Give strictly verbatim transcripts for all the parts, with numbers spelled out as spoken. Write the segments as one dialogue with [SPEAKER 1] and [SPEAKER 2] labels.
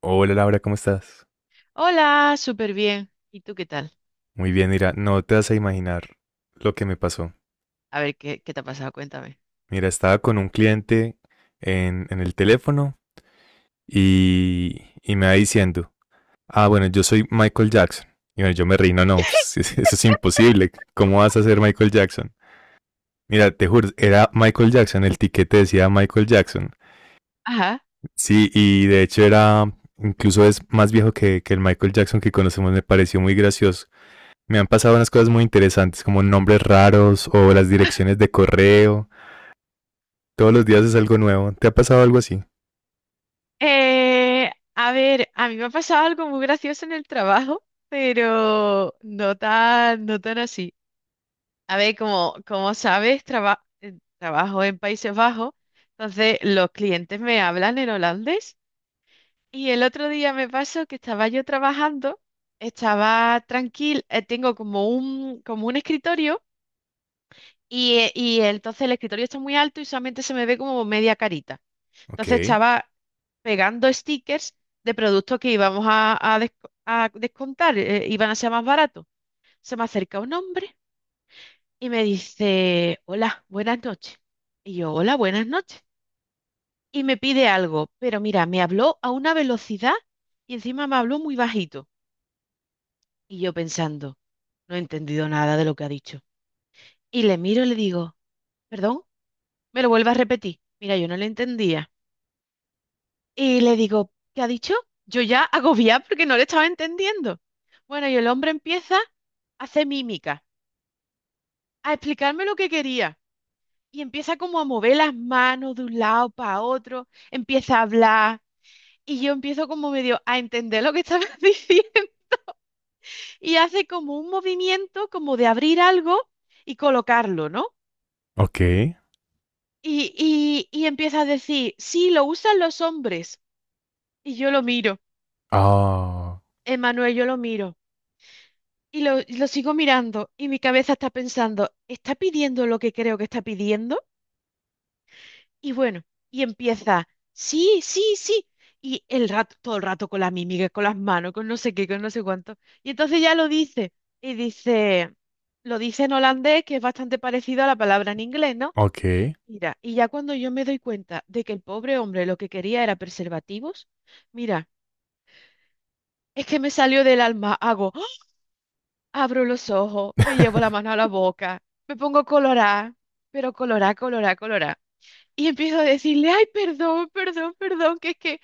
[SPEAKER 1] Hola Laura, ¿cómo estás?
[SPEAKER 2] Hola, súper bien. ¿Y tú qué tal?
[SPEAKER 1] Muy bien, mira, no te vas a imaginar lo que me pasó.
[SPEAKER 2] A ver, ¿qué, qué te ha pasado? Cuéntame.
[SPEAKER 1] Mira, estaba con un cliente en, en el teléfono y, y me va diciendo, ah, bueno, yo soy Michael Jackson. Y bueno, yo me reí, no, no, pues, eso es imposible. ¿Cómo vas a ser Michael Jackson? Mira, te juro, era Michael Jackson, el tiquete decía Michael Jackson.
[SPEAKER 2] Ajá.
[SPEAKER 1] Sí, y de hecho era, incluso es más viejo que, que el Michael Jackson que conocemos, me pareció muy gracioso. Me han pasado unas cosas muy interesantes, como nombres raros o las direcciones de correo. Todos los días es algo nuevo. ¿Te ha pasado algo así?
[SPEAKER 2] Eh, a ver, a mí me ha pasado algo muy gracioso en el trabajo, pero no tan, no tan así. A ver, como, como sabes, traba- eh, trabajo en Países Bajos, entonces los clientes me hablan en holandés. Y el otro día me pasó que estaba yo trabajando, estaba tranquila, eh, tengo como un, como un escritorio. Y, eh, y entonces el escritorio está muy alto y solamente se me ve como media carita. Entonces
[SPEAKER 1] Ok,
[SPEAKER 2] estaba pegando stickers de productos que íbamos a, a desco- a descontar, eh, iban a ser más baratos. Se me acerca un hombre y me dice, hola, buenas noches. Y yo, hola, buenas noches. Y me pide algo, pero mira, me habló a una velocidad y encima me habló muy bajito. Y yo pensando, no he entendido nada de lo que ha dicho. Y le miro y le digo, perdón, me lo vuelve a repetir. Mira, yo no le entendía. Y le digo, ¿qué ha dicho? Yo ya agobiada porque no le estaba entendiendo. Bueno, y el hombre empieza a hacer mímica, a explicarme lo que quería. Y empieza como a mover las manos de un lado para otro, empieza a hablar. Y yo empiezo como medio a entender lo que estaba diciendo. Y hace como un movimiento como de abrir algo y colocarlo, ¿no?
[SPEAKER 1] ok,
[SPEAKER 2] Y, y, y empieza a decir, sí, lo usan los hombres. Y yo lo miro,
[SPEAKER 1] ah,
[SPEAKER 2] Emanuel, yo lo miro. Y lo, y lo sigo mirando y mi cabeza está pensando, ¿está pidiendo lo que creo que está pidiendo? Y bueno, y empieza, sí, sí, sí. Y el rato, todo el rato con la mímica, con las manos, con no sé qué, con no sé cuánto. Y entonces ya lo dice. Y dice, lo dice en holandés, que es bastante parecido a la palabra en inglés, ¿no?
[SPEAKER 1] ok.
[SPEAKER 2] Mira, y ya cuando yo me doy cuenta de que el pobre hombre lo que quería era preservativos, mira, es que me salió del alma, hago. Abro los ojos, me llevo la mano a la boca, me pongo colorá, pero colorá, colorá, colorá. Y empiezo a decirle, ay, perdón, perdón, perdón, que es que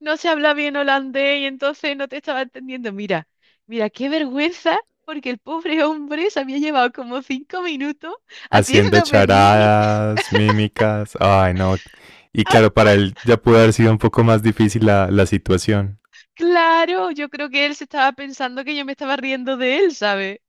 [SPEAKER 2] no se habla bien holandés y entonces no te estaba entendiendo. Mira, mira, qué vergüenza, porque el pobre hombre se había llevado como cinco minutos
[SPEAKER 1] Haciendo
[SPEAKER 2] haciéndome mimi.
[SPEAKER 1] charadas, mímicas. Ay, no. Y
[SPEAKER 2] Ah,
[SPEAKER 1] claro, para él ya pudo haber sido un poco más difícil la, la situación.
[SPEAKER 2] claro, yo creo que él se estaba pensando que yo me estaba riendo de él, ¿sabes?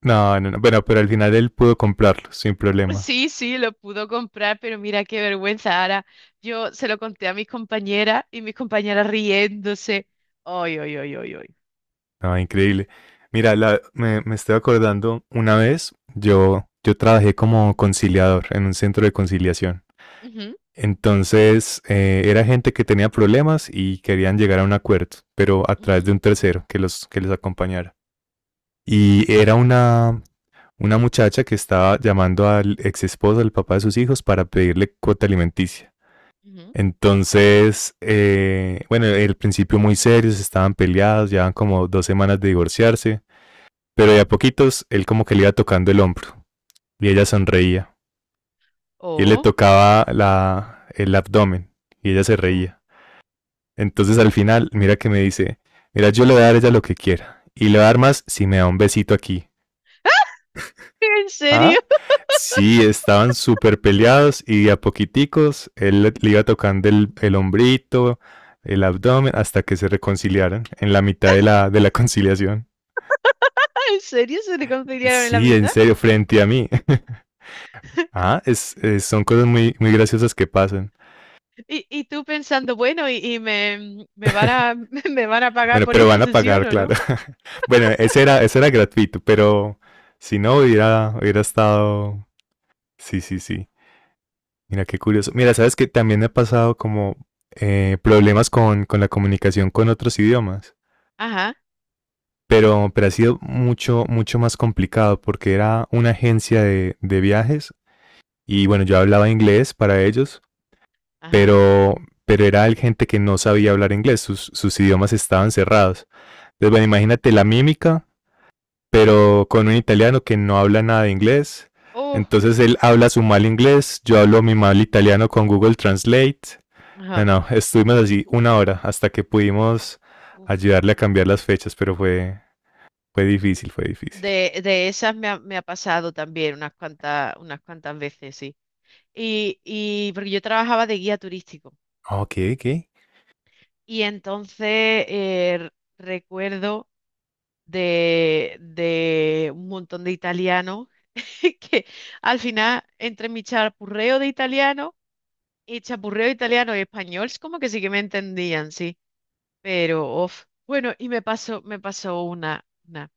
[SPEAKER 1] No, no, no. Bueno, pero al final él pudo comprarlo sin problema.
[SPEAKER 2] Sí, sí, lo pudo comprar, pero mira qué vergüenza, Ara. Yo se lo conté a mis compañeras y mis compañeras riéndose. Ay, ay, ay, ay, ay.
[SPEAKER 1] Ah, increíble. Mira, la- me, me estoy acordando, una vez yo, yo trabajé como conciliador en un centro de conciliación.
[SPEAKER 2] Ujú,
[SPEAKER 1] Entonces, eh, era gente que tenía problemas y querían llegar a un acuerdo, pero a través
[SPEAKER 2] ujú,
[SPEAKER 1] de un tercero que los, que les acompañara. Y era una, una muchacha que estaba llamando al ex esposo, al papá de sus hijos, para pedirle cuota alimenticia.
[SPEAKER 2] ujú.
[SPEAKER 1] Entonces, eh, bueno, el principio muy serios, estaban peleados, llevaban como dos semanas de divorciarse. Pero de a poquitos él como que le iba tocando el hombro y ella sonreía. Y él le
[SPEAKER 2] Oh,
[SPEAKER 1] tocaba la, el abdomen y ella se
[SPEAKER 2] oh.
[SPEAKER 1] reía. Entonces al final, mira que me dice, mira, yo le voy a dar a ella lo que quiera. Y le voy a dar más si me da un besito aquí.
[SPEAKER 2] ¿En serio?
[SPEAKER 1] ¿Ah? Sí, estaban súper peleados y de a poquiticos él le, le iba tocando el, el hombrito, el abdomen, hasta que se reconciliaran en la mitad de la, de la conciliación.
[SPEAKER 2] ¿En serio se reconciliaron en la
[SPEAKER 1] Sí, en
[SPEAKER 2] mitad?
[SPEAKER 1] serio, frente a mí. Ah, es, es- son cosas muy, muy graciosas que pasan.
[SPEAKER 2] Y, y tú pensando, bueno, y, y me, me van a, me van a pagar
[SPEAKER 1] Bueno,
[SPEAKER 2] por
[SPEAKER 1] pero
[SPEAKER 2] esta
[SPEAKER 1] van a
[SPEAKER 2] sesión,
[SPEAKER 1] pagar,
[SPEAKER 2] ¿o
[SPEAKER 1] claro.
[SPEAKER 2] no?
[SPEAKER 1] Bueno, ese era, ese era gratuito, pero si no hubiera, hubiera estado. Sí, sí, sí. Mira, qué curioso. Mira, sabes que también me ha pasado como eh, problemas con, con la comunicación con otros idiomas.
[SPEAKER 2] Ajá,
[SPEAKER 1] Pero, pero ha sido mucho, mucho más complicado porque era una agencia de, de viajes y bueno, yo hablaba inglés para ellos,
[SPEAKER 2] ajá.
[SPEAKER 1] pero, pero era el gente que no sabía hablar inglés, sus, sus idiomas estaban cerrados. Entonces, bueno, imagínate la mímica, pero con un italiano que no habla nada de inglés.
[SPEAKER 2] Oh,
[SPEAKER 1] Entonces él habla su mal inglés, yo hablo mi mal italiano con Google Translate. No,
[SPEAKER 2] ajá.
[SPEAKER 1] no, estuvimos así una hora hasta que pudimos
[SPEAKER 2] Uf.
[SPEAKER 1] ayudarle a cambiar las fechas, pero fue, fue difícil, fue difícil.
[SPEAKER 2] De, de esas me ha, me ha pasado también unas cuantas, unas cuantas veces. Y, y porque yo trabajaba de guía turístico.
[SPEAKER 1] Ok, ok.
[SPEAKER 2] Y entonces eh, r- recuerdo de, de un montón de italianos que al final, entre mi chapurreo de italiano y chapurreo italiano y español, es como que sí que me entendían, sí. Pero, of. Bueno, y me pasó, me pasó una, una.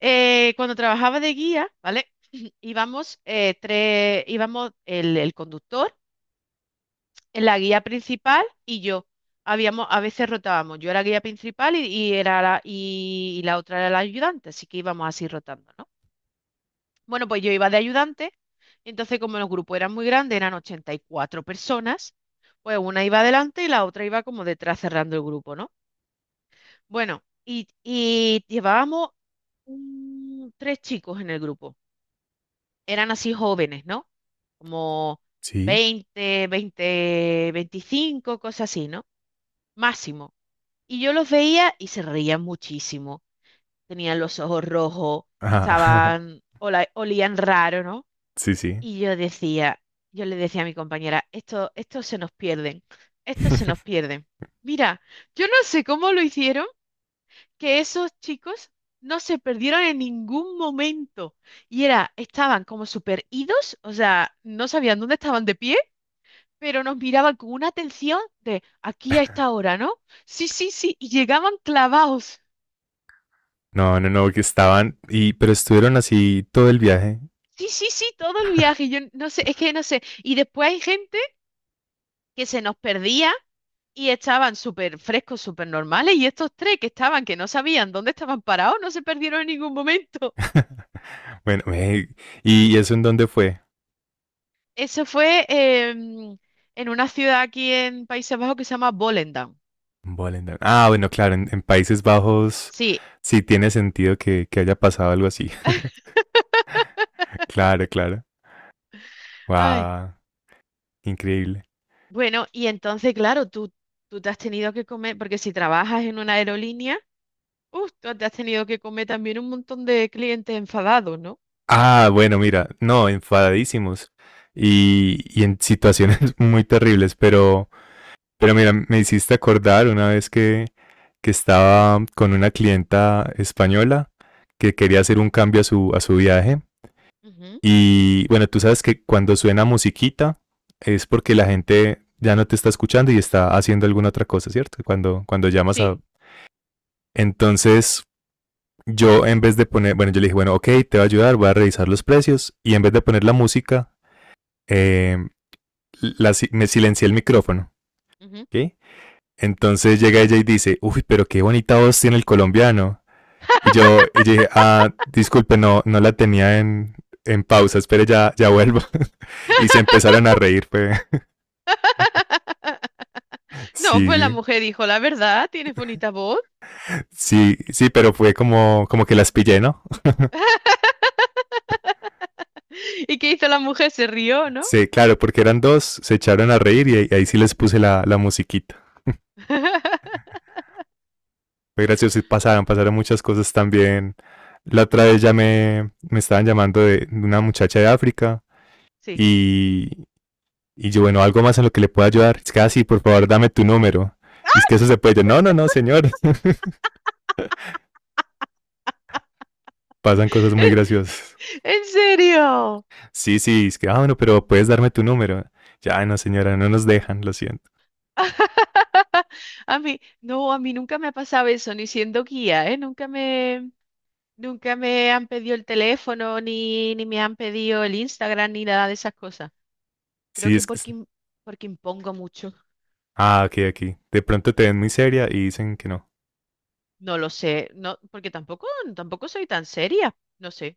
[SPEAKER 2] Eh, cuando trabajaba de guía, ¿vale? Íbamos eh, tres, íbamos el el conductor, la guía principal y yo. Habíamos, a veces rotábamos. Yo era guía principal y, y era la, y, y la otra era la ayudante, así que íbamos así rotando, ¿no? Bueno, pues yo iba de ayudante, y entonces como los grupos eran muy grandes, eran ochenta y cuatro personas, pues una iba adelante y la otra iba como detrás cerrando el grupo, ¿no? Bueno, y, y llevábamos mm, tres chicos en el grupo. Eran así jóvenes, ¿no? Como
[SPEAKER 1] Sí.
[SPEAKER 2] veinte veinte veinticinco cosas así, ¿no? Máximo. Y yo los veía y se reían muchísimo. Tenían los ojos rojos,
[SPEAKER 1] Ajá.
[SPEAKER 2] estaban, ola- olían raro, ¿no?
[SPEAKER 1] Sí, sí.
[SPEAKER 2] Y yo decía, yo le decía a mi compañera, esto, estos se nos pierden, estos se nos pierden. Mira, yo no sé cómo lo hicieron, que esos chicos no se perdieron en ningún momento. Y era, estaban como super idos, o sea, no sabían dónde estaban de pie, pero nos miraban con una atención de aquí a esta hora, ¿no? Sí, sí, sí, y llegaban clavados.
[SPEAKER 1] No, no, no, que estaban, y, pero estuvieron así todo el viaje.
[SPEAKER 2] Sí, sí, sí, todo el viaje. Yo no sé, es que no sé. Y después hay gente que se nos perdía y estaban súper frescos, súper normales. Y estos tres que estaban, que no sabían dónde estaban parados, no se perdieron en ningún momento.
[SPEAKER 1] Bueno, ve, ¿y eso en dónde fue?
[SPEAKER 2] Eso fue em, en una ciudad aquí en Países Bajos que se llama Volendam.
[SPEAKER 1] Volendam. Ah, bueno, claro, en, en Países Bajos
[SPEAKER 2] Sí.
[SPEAKER 1] sí tiene sentido que, que haya pasado algo así. Claro, claro.
[SPEAKER 2] Ay.
[SPEAKER 1] Wow, increíble.
[SPEAKER 2] Bueno, y entonces, claro, tú, tú te has tenido que comer, porque si trabajas en una aerolínea, uf, tú te has tenido que comer también un montón de clientes enfadados, ¿no?
[SPEAKER 1] Ah, bueno, mira, no, enfadadísimos y, y en situaciones muy terribles, pero, pero mira, me hiciste acordar una vez que, que estaba con una clienta española que quería hacer un cambio a su, a su viaje.
[SPEAKER 2] Ujú.
[SPEAKER 1] Y bueno, tú sabes que cuando suena musiquita es porque la gente ya no te está escuchando y está haciendo alguna otra cosa, ¿cierto? Cuando, cuando llamas a...
[SPEAKER 2] Sí.
[SPEAKER 1] Entonces, yo en vez de poner, bueno, yo le dije, bueno, ok, te voy a ayudar, voy a revisar los precios y en vez de poner la música, eh, la si- me silencié el micrófono,
[SPEAKER 2] Ujú.
[SPEAKER 1] ¿ok? Entonces llega ella y dice, uy, pero qué bonita voz tiene el colombiano. Y yo, y yo dije, ah, disculpe, no, no la tenía en, en pausa, espere, ya, ya vuelvo. y se empezaron a reír, fue,
[SPEAKER 2] No,
[SPEAKER 1] sí,
[SPEAKER 2] pues la
[SPEAKER 1] sí,
[SPEAKER 2] mujer dijo, la verdad, tienes bonita voz.
[SPEAKER 1] sí, sí, pero fue como, como que las pillé, ¿no?
[SPEAKER 2] ¿Y qué hizo la mujer? Se rió, ¿no?
[SPEAKER 1] Sí, claro, porque eran dos, se echaron a reír y, ahí- ahí sí les puse la, la musiquita. Fue gracioso y pasaron, pasaron muchas cosas también. La otra vez ya me, me estaban llamando de de una muchacha de África
[SPEAKER 2] Sí.
[SPEAKER 1] y, y yo, bueno, algo más en lo que le pueda ayudar. Es que, ah, sí, por favor, dame tu número. Y es que eso se puede. Yo, no, no, no, señor. Pasan cosas muy graciosas.
[SPEAKER 2] ¿En serio?
[SPEAKER 1] Sí, sí, es que, ah, bueno, pero puedes darme tu número. Ya, no, señora, no nos dejan, lo siento.
[SPEAKER 2] A mí, no, a mí nunca me ha pasado eso, ni siendo guía, ¿eh? Nunca me... Nunca me han pedido el teléfono, ni, ni me han pedido el Instagram, ni nada de esas cosas. Creo
[SPEAKER 1] Sí,
[SPEAKER 2] que
[SPEAKER 1] es que...
[SPEAKER 2] porque, im- porque impongo mucho.
[SPEAKER 1] Ah, ok, ok. De pronto te ven muy seria y dicen que no.
[SPEAKER 2] No lo sé, no, porque tampoco, tampoco soy tan seria. No sé.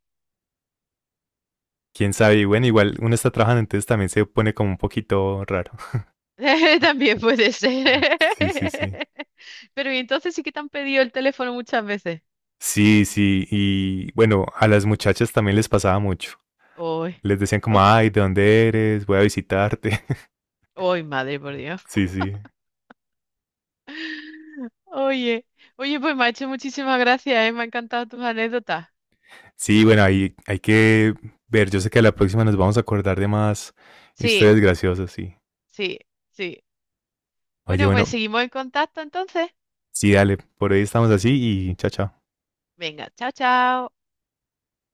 [SPEAKER 1] Quién sabe, y bueno, igual uno está trabajando, entonces también se pone como un poquito raro.
[SPEAKER 2] También puede ser.
[SPEAKER 1] Sí, sí, sí.
[SPEAKER 2] Pero y entonces sí que te han pedido el teléfono muchas veces.
[SPEAKER 1] Sí, sí, y bueno, a las muchachas también les pasaba mucho.
[SPEAKER 2] Hoy,
[SPEAKER 1] Les decían como, ay, ¿de dónde eres? Voy a visitarte.
[SPEAKER 2] hoy, madre, por Dios.
[SPEAKER 1] Sí, sí.
[SPEAKER 2] Oye, oye, pues macho, muchísimas gracias, eh, me han encantado tus anécdotas.
[SPEAKER 1] Sí, bueno, ahí hay que ver. Yo sé que a la próxima nos vamos a acordar de más
[SPEAKER 2] Sí,
[SPEAKER 1] historias graciosas, sí.
[SPEAKER 2] sí, sí.
[SPEAKER 1] Oye,
[SPEAKER 2] Bueno, pues
[SPEAKER 1] bueno,
[SPEAKER 2] seguimos en contacto entonces.
[SPEAKER 1] sí, dale, por ahí estamos así y chao, chao.
[SPEAKER 2] Venga, chao, chao.